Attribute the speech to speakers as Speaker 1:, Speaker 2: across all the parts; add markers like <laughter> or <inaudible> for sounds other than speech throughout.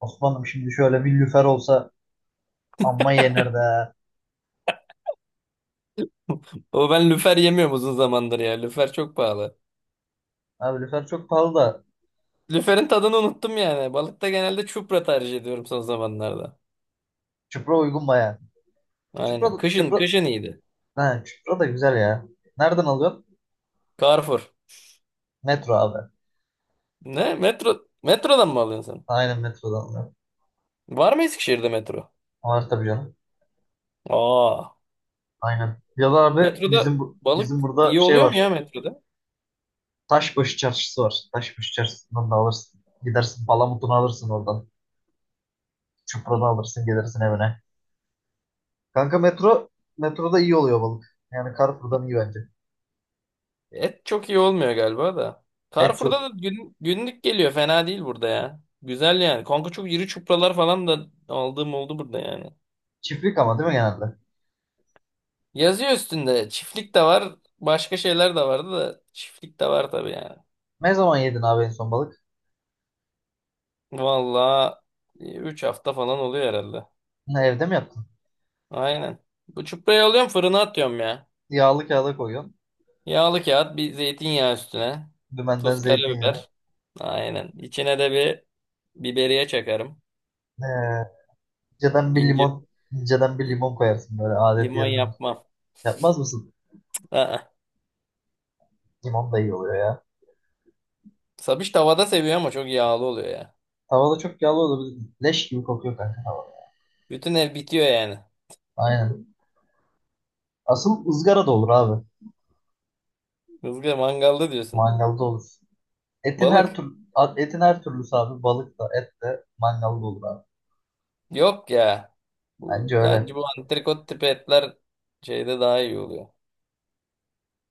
Speaker 1: Osman'ım şimdi şöyle bir lüfer olsa amma yenir de.
Speaker 2: O ben lüfer yemiyorum uzun zamandır ya. Lüfer çok pahalı.
Speaker 1: Abi lüfer çok pahalı da.
Speaker 2: Lüferin tadını unuttum yani. Balıkta genelde çupra tercih ediyorum son zamanlarda.
Speaker 1: Çıpra uygun baya. Çıpra,
Speaker 2: Aynen.
Speaker 1: da-
Speaker 2: Kışın
Speaker 1: çıpra,
Speaker 2: kışın iyiydi.
Speaker 1: he, Çıpra da güzel ya. Nereden alıyorsun?
Speaker 2: Carrefour.
Speaker 1: Metro abi.
Speaker 2: Ne? Metrodan mı alıyorsun sen?
Speaker 1: Aynen metrodan alıyorum.
Speaker 2: Var mı Eskişehir'de metro?
Speaker 1: Var tabii canım.
Speaker 2: Aa.
Speaker 1: Aynen. Ya da abi
Speaker 2: Metroda
Speaker 1: bizim bu-
Speaker 2: balık
Speaker 1: bizim burada
Speaker 2: iyi
Speaker 1: şey
Speaker 2: oluyor mu ya
Speaker 1: var.
Speaker 2: metroda?
Speaker 1: Taşbaşı çarşısı var. Taşbaşı çarşısından da alırsın. Gidersin palamutunu alırsın oradan. Çıpranı alırsın gelirsin evine. Kanka metroda iyi oluyor balık. Yani Carrefour'dan iyi bence.
Speaker 2: Et çok iyi olmuyor galiba da.
Speaker 1: Et
Speaker 2: Carrefour'da
Speaker 1: çok
Speaker 2: da günlük geliyor. Fena değil burada ya. Güzel yani. Kanka çok iri çupralar falan da aldığım oldu burada yani.
Speaker 1: çiftlik ama değil mi genelde?
Speaker 2: Yazıyor üstünde. Çiftlik de var. Başka şeyler de vardı da çiftlik de var tabii yani.
Speaker 1: Ne zaman yedin abi en son balık?
Speaker 2: Vallahi 3 hafta falan oluyor herhalde.
Speaker 1: Ha, evde mi yaptın?
Speaker 2: Aynen. Bu çuprayı alıyorum fırına atıyorum ya.
Speaker 1: Yağlı kağıda koyuyorsun.
Speaker 2: Yağlı kağıt bir zeytinyağı üstüne.
Speaker 1: Dümenden
Speaker 2: Tuz
Speaker 1: zeytinyağı.
Speaker 2: karabiber. Aynen. İçine de bir biberiye çakarım.
Speaker 1: Ee, inceden bir
Speaker 2: İnci,
Speaker 1: limon, inceden bir
Speaker 2: in-
Speaker 1: limon koyarsın böyle adet
Speaker 2: limon
Speaker 1: yerine.
Speaker 2: yapmam.
Speaker 1: Yapmaz mısın?
Speaker 2: Aa.
Speaker 1: Limon da iyi oluyor ya.
Speaker 2: Sabiş tavada seviyor ama çok yağlı oluyor ya.
Speaker 1: Tavada çok yağlı olur. Leş gibi kokuyor kanka tavada.
Speaker 2: Bütün ev bitiyor yani.
Speaker 1: Aynen. Asıl ızgara da olur abi.
Speaker 2: Kızgın mangalda diyorsun.
Speaker 1: Mangalda olur. Etin her
Speaker 2: Balık.
Speaker 1: tür Etin her türlüsü abi. Balık da et de mangalda olur abi.
Speaker 2: Yok ya. Bu
Speaker 1: Bence öyle.
Speaker 2: bence bu antrikot tipi etler şeyde daha iyi oluyor.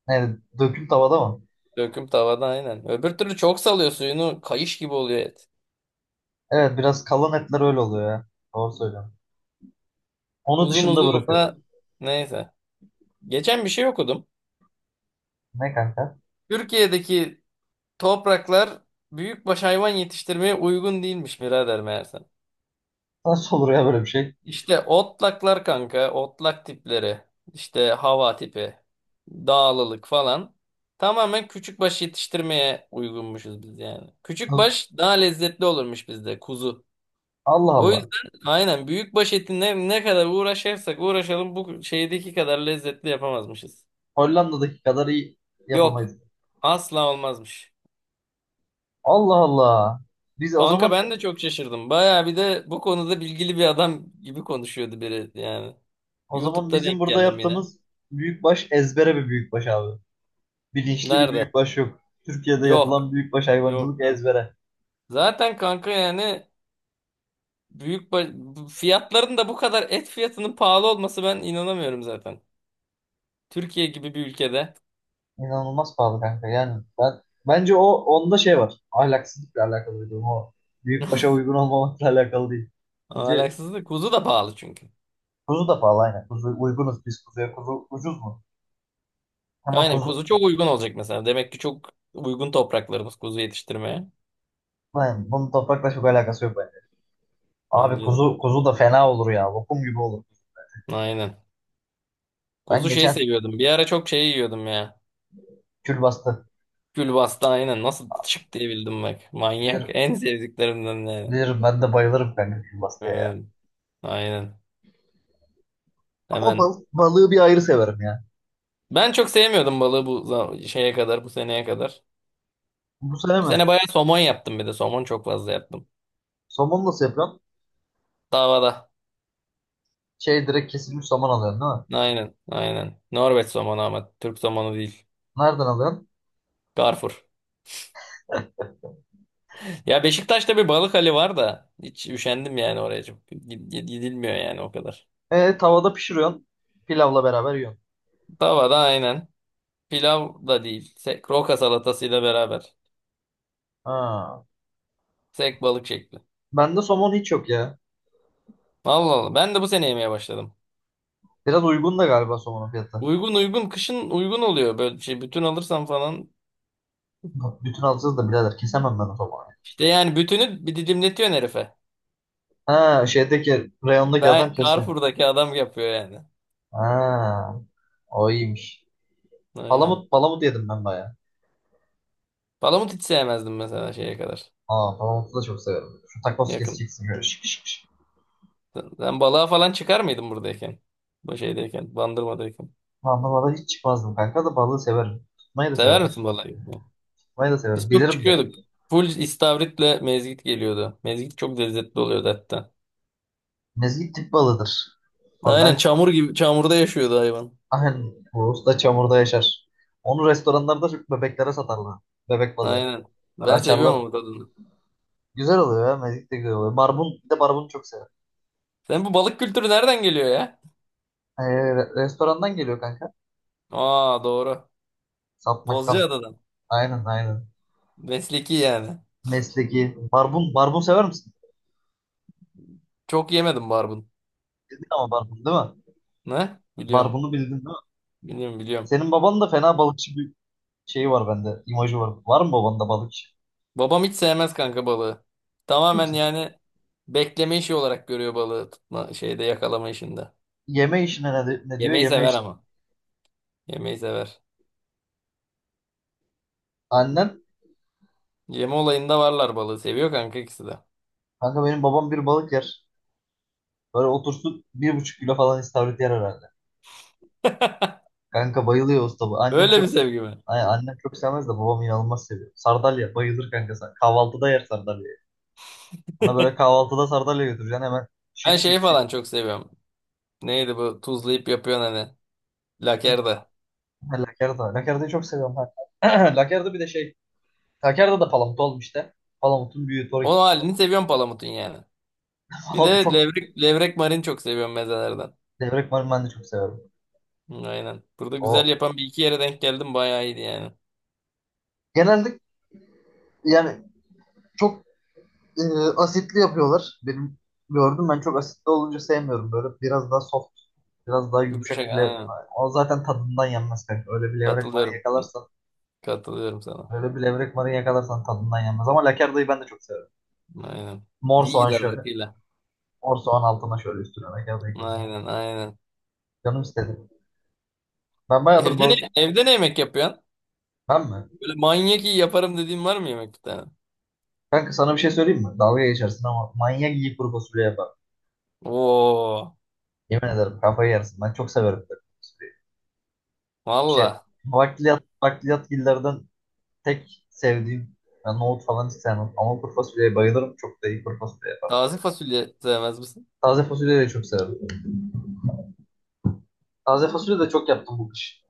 Speaker 1: Yani dökül tavada mı?
Speaker 2: Döküm tavada aynen. Öbür türlü çok salıyor suyunu kayış gibi oluyor et.
Speaker 1: Evet biraz kalan etler öyle oluyor ya. Doğru söylüyorsun. Onu
Speaker 2: Uzun
Speaker 1: dışında
Speaker 2: uzun
Speaker 1: bırakıyor.
Speaker 2: olsa neyse. Geçen bir şey okudum.
Speaker 1: Ne kanka?
Speaker 2: Türkiye'deki topraklar büyükbaş hayvan yetiştirmeye uygun değilmiş birader meğerse.
Speaker 1: Nasıl olur ya böyle bir şey?
Speaker 2: İşte otlaklar kanka, otlak tipleri, işte hava tipi, dağlılık falan tamamen küçükbaş yetiştirmeye uygunmuşuz biz yani. Küçükbaş daha lezzetli olurmuş bizde kuzu.
Speaker 1: Allah
Speaker 2: O
Speaker 1: Allah.
Speaker 2: yüzden aynen büyükbaş eti ne kadar uğraşırsak uğraşalım bu şeydeki kadar lezzetli yapamazmışız.
Speaker 1: Hollanda'daki kadar iyi
Speaker 2: Yok,
Speaker 1: yapamayız.
Speaker 2: asla olmazmış.
Speaker 1: Allah Allah. Biz o
Speaker 2: Kanka
Speaker 1: zaman
Speaker 2: ben de çok şaşırdım. Baya bir de bu konuda bilgili bir adam gibi konuşuyordu biri yani.
Speaker 1: o zaman
Speaker 2: YouTube'da
Speaker 1: bizim
Speaker 2: denk
Speaker 1: burada
Speaker 2: geldim yine.
Speaker 1: yaptığımız büyükbaş ezbere bir büyükbaş abi. Bilinçli bir
Speaker 2: Nerede?
Speaker 1: büyükbaş yok. Türkiye'de
Speaker 2: Yok.
Speaker 1: yapılan büyükbaş
Speaker 2: Yok.
Speaker 1: hayvancılık
Speaker 2: Yok.
Speaker 1: ezbere.
Speaker 2: Zaten kanka yani büyük ba- fiyatların da bu kadar et fiyatının pahalı olması ben inanamıyorum zaten. Türkiye gibi bir ülkede.
Speaker 1: İnanılmaz pahalı kanka. Yani bence onda şey var. Ahlaksızlıkla alakalı bir durum o. Büyükbaşa uygun olmamakla alakalı değil. Bence
Speaker 2: Alaksızlık. Kuzu da pahalı çünkü.
Speaker 1: kuzu da pahalı aynen. Kuzu uygunuz biz kuzuya. Kuzu ucuz mu? Ama
Speaker 2: Aynen
Speaker 1: kuzu
Speaker 2: kuzu çok uygun olacak mesela. Demek ki çok uygun topraklarımız kuzu yetiştirmeye.
Speaker 1: yani bunun toprakla çok alakası yok bence. Abi
Speaker 2: Bence de.
Speaker 1: kuzu da fena olur ya. Lokum gibi olur.
Speaker 2: Aynen.
Speaker 1: Ben
Speaker 2: Kuzu şey
Speaker 1: geçen
Speaker 2: seviyordum. Bir ara çok şey yiyordum ya.
Speaker 1: külbastı.
Speaker 2: Külbasta aynen. Nasıl çık diye bildim bak. Manyak.
Speaker 1: Bilirim,
Speaker 2: En sevdiklerimden yani.
Speaker 1: bilirim, ben de bayılırım kanka külbastıya ya.
Speaker 2: Evet. Aynen.
Speaker 1: Ama
Speaker 2: Hemen.
Speaker 1: balığı bir ayrı severim ya.
Speaker 2: Ben çok sevmiyordum balığı şeye kadar, bu seneye kadar.
Speaker 1: Bu sene
Speaker 2: Bu
Speaker 1: mi?
Speaker 2: sene bayağı somon yaptım bir de. Somon çok fazla yaptım.
Speaker 1: Somon nasıl yapıyorsun?
Speaker 2: Davada.
Speaker 1: Şey direkt kesilmiş somon alıyorsun değil mi?
Speaker 2: Aynen, aynen. Norveç somonu ama Türk somonu değil.
Speaker 1: Nereden alıyorsun?
Speaker 2: Garfur. <laughs> Ya Beşiktaş'ta bir balık hali var da hiç üşendim yani oraya. Gidilmiyor yani o kadar.
Speaker 1: E, tavada pişiriyorsun. Pilavla beraber yiyorsun.
Speaker 2: Davada aynen. Pilav da değil. Sek, roka salatasıyla beraber.
Speaker 1: Ha.
Speaker 2: Sek balık şekli.
Speaker 1: Bende somon hiç yok ya.
Speaker 2: Allah Allah. Ben de bu sene yemeye başladım.
Speaker 1: Biraz uygun da galiba somonun fiyatı.
Speaker 2: Uygun uygun. Kışın uygun oluyor böyle şey. Bütün alırsam falan.
Speaker 1: Bütün alacağız da birader kesemem ben o somonu.
Speaker 2: İşte yani bütünü bir didimletiyorsun herife.
Speaker 1: Ha şeydeki reyondaki adam
Speaker 2: Ben
Speaker 1: kesiyor.
Speaker 2: Carrefour'daki adam yapıyor yani.
Speaker 1: Ha. O iyiymiş.
Speaker 2: Aynen.
Speaker 1: Palamut yedim ben bayağı.
Speaker 2: Palamut hiç sevmezdim mesela şeye kadar.
Speaker 1: Aa, Palamut'u da çok severim. Şu takos
Speaker 2: Yakın.
Speaker 1: keseceksin böyle şık şık şık.
Speaker 2: Sen balığa falan çıkar mıydın buradayken? Bu şeydeyken, Bandırma'dayken.
Speaker 1: Anlamada hiç çıkmazdım kanka da balığı severim. Tutmayı da
Speaker 2: Sever
Speaker 1: severim.
Speaker 2: misin balığa gitmeyi?
Speaker 1: Tutmayı da severim.
Speaker 2: Biz çok
Speaker 1: Bilirim de.
Speaker 2: çıkıyorduk. Full istavritle mezgit geliyordu. Mezgit çok lezzetli oluyordu hatta.
Speaker 1: Mezgit tip balığıdır. Ama
Speaker 2: Aynen
Speaker 1: ben
Speaker 2: çamur gibi, çamurda yaşıyordu hayvan.
Speaker 1: aynen bu usta çamurda yaşar. Onu restoranlarda çok bebeklere satarlar. Bebek balığı.
Speaker 2: Aynen.
Speaker 1: Böyle
Speaker 2: Ben seviyorum
Speaker 1: açarlar.
Speaker 2: ama bu tadını.
Speaker 1: Güzel oluyor ya. Mezgit de güzel oluyor. Barbun. Bir de barbunu çok severim.
Speaker 2: Sen bu balık kültürü nereden geliyor ya?
Speaker 1: Restorandan geliyor kanka.
Speaker 2: Aa, doğru.
Speaker 1: Satmaktan.
Speaker 2: Bozcaada'dan.
Speaker 1: Aynen aynen.
Speaker 2: Mesleki yani.
Speaker 1: Mesleki. Barbun. Barbun sever misin?
Speaker 2: Çok yemedim barbun.
Speaker 1: Bildin ama barbun değil mi?
Speaker 2: Ne? Biliyorum.
Speaker 1: Barbunu bildin değil mi?
Speaker 2: Biliyorum biliyorum.
Speaker 1: Senin baban da fena balıkçı bir şeyi var bende. İmajı var. Var mı babanda balıkçı?
Speaker 2: Babam hiç sevmez kanka balığı. Tamamen yani bekleme işi olarak görüyor balığı tutma şeyde yakalama işinde.
Speaker 1: Yeme işine ne diyor?
Speaker 2: Yemeği
Speaker 1: Yeme
Speaker 2: sever
Speaker 1: iş.
Speaker 2: ama. Yemeği sever.
Speaker 1: Annen
Speaker 2: Yeme olayında varlar balığı. Seviyor kanka ikisi de.
Speaker 1: kanka benim babam bir balık yer. Böyle otursun 1,5 kilo falan istavrit yer herhalde.
Speaker 2: <laughs>
Speaker 1: Kanka bayılıyor usta bu. Annem
Speaker 2: Öyle
Speaker 1: çok
Speaker 2: bir sevgi mi?
Speaker 1: Ay, annem çok sevmez de babam inanılmaz seviyor. Sardalya bayılır kanka. Kahvaltıda yer sardalyayı. Ona böyle kahvaltıda sardalya götüreceksin hemen
Speaker 2: Ben
Speaker 1: şık
Speaker 2: şeyi
Speaker 1: şık
Speaker 2: falan
Speaker 1: şık.
Speaker 2: çok seviyorum. Neydi bu tuzlayıp yapıyorsun hani. Lakerda.
Speaker 1: Ha, Lakerda. Lakerda'yı çok seviyorum kanka. <clears throat> Lakerda bir de şey. Lakerda da palamut olmuş işte. Palamutun büyüğü. Torik.
Speaker 2: O halini seviyorum palamutun yani.
Speaker 1: <laughs>
Speaker 2: Bir
Speaker 1: Palamut
Speaker 2: de
Speaker 1: çok.
Speaker 2: levrek marin çok seviyorum mezelerden.
Speaker 1: Levrek marul ben de çok severim.
Speaker 2: Hı, aynen. Burada güzel
Speaker 1: O
Speaker 2: yapan bir iki yere denk geldim. Bayağı iyiydi yani.
Speaker 1: Genelde yani çok e, asitli yapıyorlar. Benim gördüm, ben çok asitli olunca sevmiyorum. Böyle biraz daha soft, biraz daha
Speaker 2: Yumuşak
Speaker 1: yumuşak bile.
Speaker 2: aynen.
Speaker 1: O zaten tadından yenmez kanka.
Speaker 2: Katılıyorum. Katılıyorum sana.
Speaker 1: Öyle bir levrek marı yakalarsan tadından yenmez. Ama lakardayı ben de çok severim.
Speaker 2: Aynen.
Speaker 1: Mor
Speaker 2: İyi
Speaker 1: soğan
Speaker 2: gider
Speaker 1: şöyle.
Speaker 2: rakıyla.
Speaker 1: Mor soğan altına şöyle üstüne lakardayı koyacağım.
Speaker 2: Aynen aynen.
Speaker 1: Canım istedi. Ben bayağıdır balık...
Speaker 2: Evde ne yemek yapıyorsun?
Speaker 1: Ben mi?
Speaker 2: Böyle manyak iyi yaparım dediğin var mı yemek bir tane?
Speaker 1: Kanka sana bir şey söyleyeyim mi? Dalga geçersin ama manyak iyi kuru fasulye yapar.
Speaker 2: Oo,
Speaker 1: Yemin ederim kafayı yersin. Ben çok severim kuru fasulyeyi. Şey,
Speaker 2: valla.
Speaker 1: Bakliyatgillerden tek sevdiğim ben nohut falan hiç sevmem. Ama kuru fasulyeye bayılırım. Çok da iyi kuru fasulye yaparım.
Speaker 2: Taze fasulye sevmez misin?
Speaker 1: Taze fasulyeyi de çok severim. Taze fasulye de çok yaptım bu kış.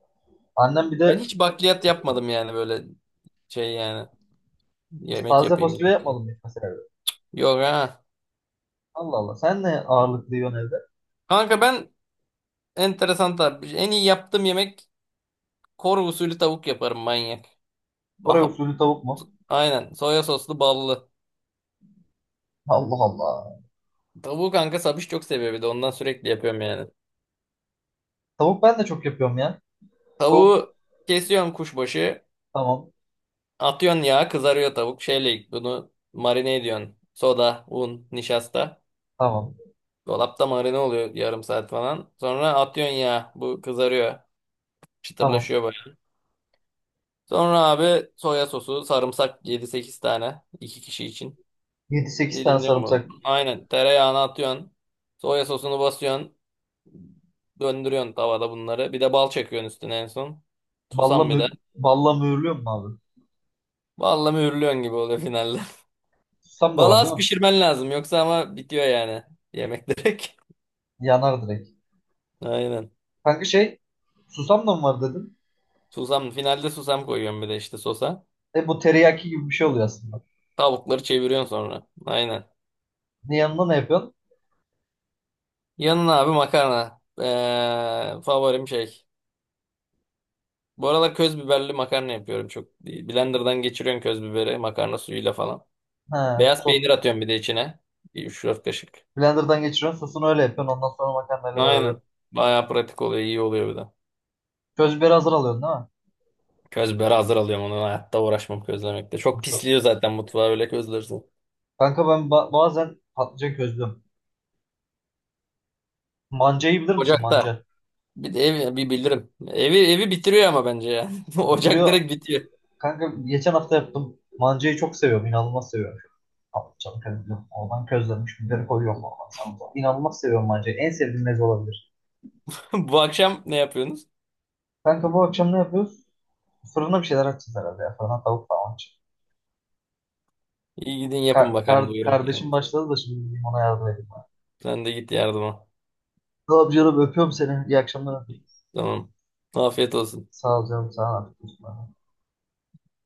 Speaker 1: Annem bir
Speaker 2: Ben
Speaker 1: de
Speaker 2: hiç bakliyat yapmadım yani böyle şey yani. Yemek
Speaker 1: taze
Speaker 2: yapayım
Speaker 1: fasulye
Speaker 2: diye.
Speaker 1: yapmadım hiç mesela. Evde.
Speaker 2: Yok ha.
Speaker 1: Allah Allah. Sen ne ağırlıklı yiyorsun evde?
Speaker 2: Kanka ben enteresan tarif. En iyi yaptığım yemek Kore usulü tavuk yaparım manyak.
Speaker 1: Oraya
Speaker 2: Aha,
Speaker 1: usulü tavuk mu?
Speaker 2: aynen. Soya soslu ballı.
Speaker 1: Allah Allah.
Speaker 2: Tavuğu kanka Sabiş çok seviyor bir de ondan sürekli yapıyorum yani.
Speaker 1: Tavuk ben de çok yapıyorum ya. Tavuk
Speaker 2: Tavuğu kesiyorsun kuşbaşı.
Speaker 1: tamam.
Speaker 2: Atıyorsun yağa kızarıyor tavuk. Şeyle bunu marine ediyorsun. Soda, un, nişasta.
Speaker 1: Tamam.
Speaker 2: Dolapta marine oluyor yarım saat falan. Sonra atıyorsun yağa. Bu kızarıyor.
Speaker 1: Tamam.
Speaker 2: Çıtırlaşıyor böyle. Sonra abi soya sosu, sarımsak 7-8 tane. İki kişi için.
Speaker 1: 7-8 tane
Speaker 2: Dilimliyorum bunu.
Speaker 1: sarımsak.
Speaker 2: Aynen tereyağını atıyorsun. Soya sosunu basıyorsun. Döndürüyorsun tavada bunları. Bir de bal çekiyorsun üstüne en son.
Speaker 1: Balla,
Speaker 2: Susam bir de.
Speaker 1: mü balla mühürlüyor mu abi?
Speaker 2: Vallahi mühürlüyorsun gibi oluyor finalde.
Speaker 1: Susam da
Speaker 2: Balığı
Speaker 1: var değil
Speaker 2: az
Speaker 1: mi?
Speaker 2: pişirmen lazım yoksa ama bitiyor yani yemek direkt.
Speaker 1: Yanar direkt.
Speaker 2: <laughs> Aynen.
Speaker 1: Kanka şey susam da mı var dedin?
Speaker 2: Susam finalde susam koyuyorum bir de işte sosa.
Speaker 1: E bu teriyaki gibi bir şey oluyor aslında.
Speaker 2: Tavukları çeviriyorsun sonra. Aynen.
Speaker 1: Ne yanına ne yapıyorsun?
Speaker 2: Yanına abi makarna. Favorim şey. Bu aralar köz biberli makarna yapıyorum çok. Blender'dan geçiriyorum köz biberi makarna suyuyla falan.
Speaker 1: Ha,
Speaker 2: Beyaz peynir atıyorum bir de içine. Bir 3-4 kaşık.
Speaker 1: blenderdan geçiriyorsun sosunu öyle yapıyorsun ondan sonra makarnayla beraber.
Speaker 2: Aynen. Bayağı pratik oluyor, iyi oluyor bir de.
Speaker 1: Köz biberi hazır alıyorsun değil mi?
Speaker 2: Köz biberi hazır alıyorum onu. Hayatta uğraşmam közlemekte. Çok
Speaker 1: So-
Speaker 2: pisliyor zaten mutfağı öyle közlersin.
Speaker 1: Kanka ben bazen patlıcan közlüyorum. Mancayı bilir misin,
Speaker 2: Ocakta.
Speaker 1: manca?
Speaker 2: Bir de bir bildirim. Evi bitiriyor ama bence ya. <laughs> Ocak
Speaker 1: Bitiriyor.
Speaker 2: direkt bitiyor.
Speaker 1: Kanka geçen hafta yaptım. Mancayı çok seviyorum. İnanılmaz seviyorum. Patlıcanı közlüyorum. Oradan közlenmiş biberi koyuyorum. Oradan sana. Da. İnanılmaz seviyorum mancayı. En sevdiğim meze olabilir.
Speaker 2: <laughs> Bu akşam ne yapıyorsunuz?
Speaker 1: Kanka bu akşam ne yapıyoruz? Fırına bir şeyler açacağız herhalde ya. Fırına tavuk falan açacağız.
Speaker 2: İyi gidin yapın bakalım duyurum. Yani.
Speaker 1: Kardeşim başladı da şimdi gideyim ona yardım edeyim.
Speaker 2: Sen de git yardıma.
Speaker 1: Ne yapıyorum? Öpüyorum seni. İyi akşamlar.
Speaker 2: Tamam. Afiyet olsun.
Speaker 1: Sağ ol canım. Sağ ol.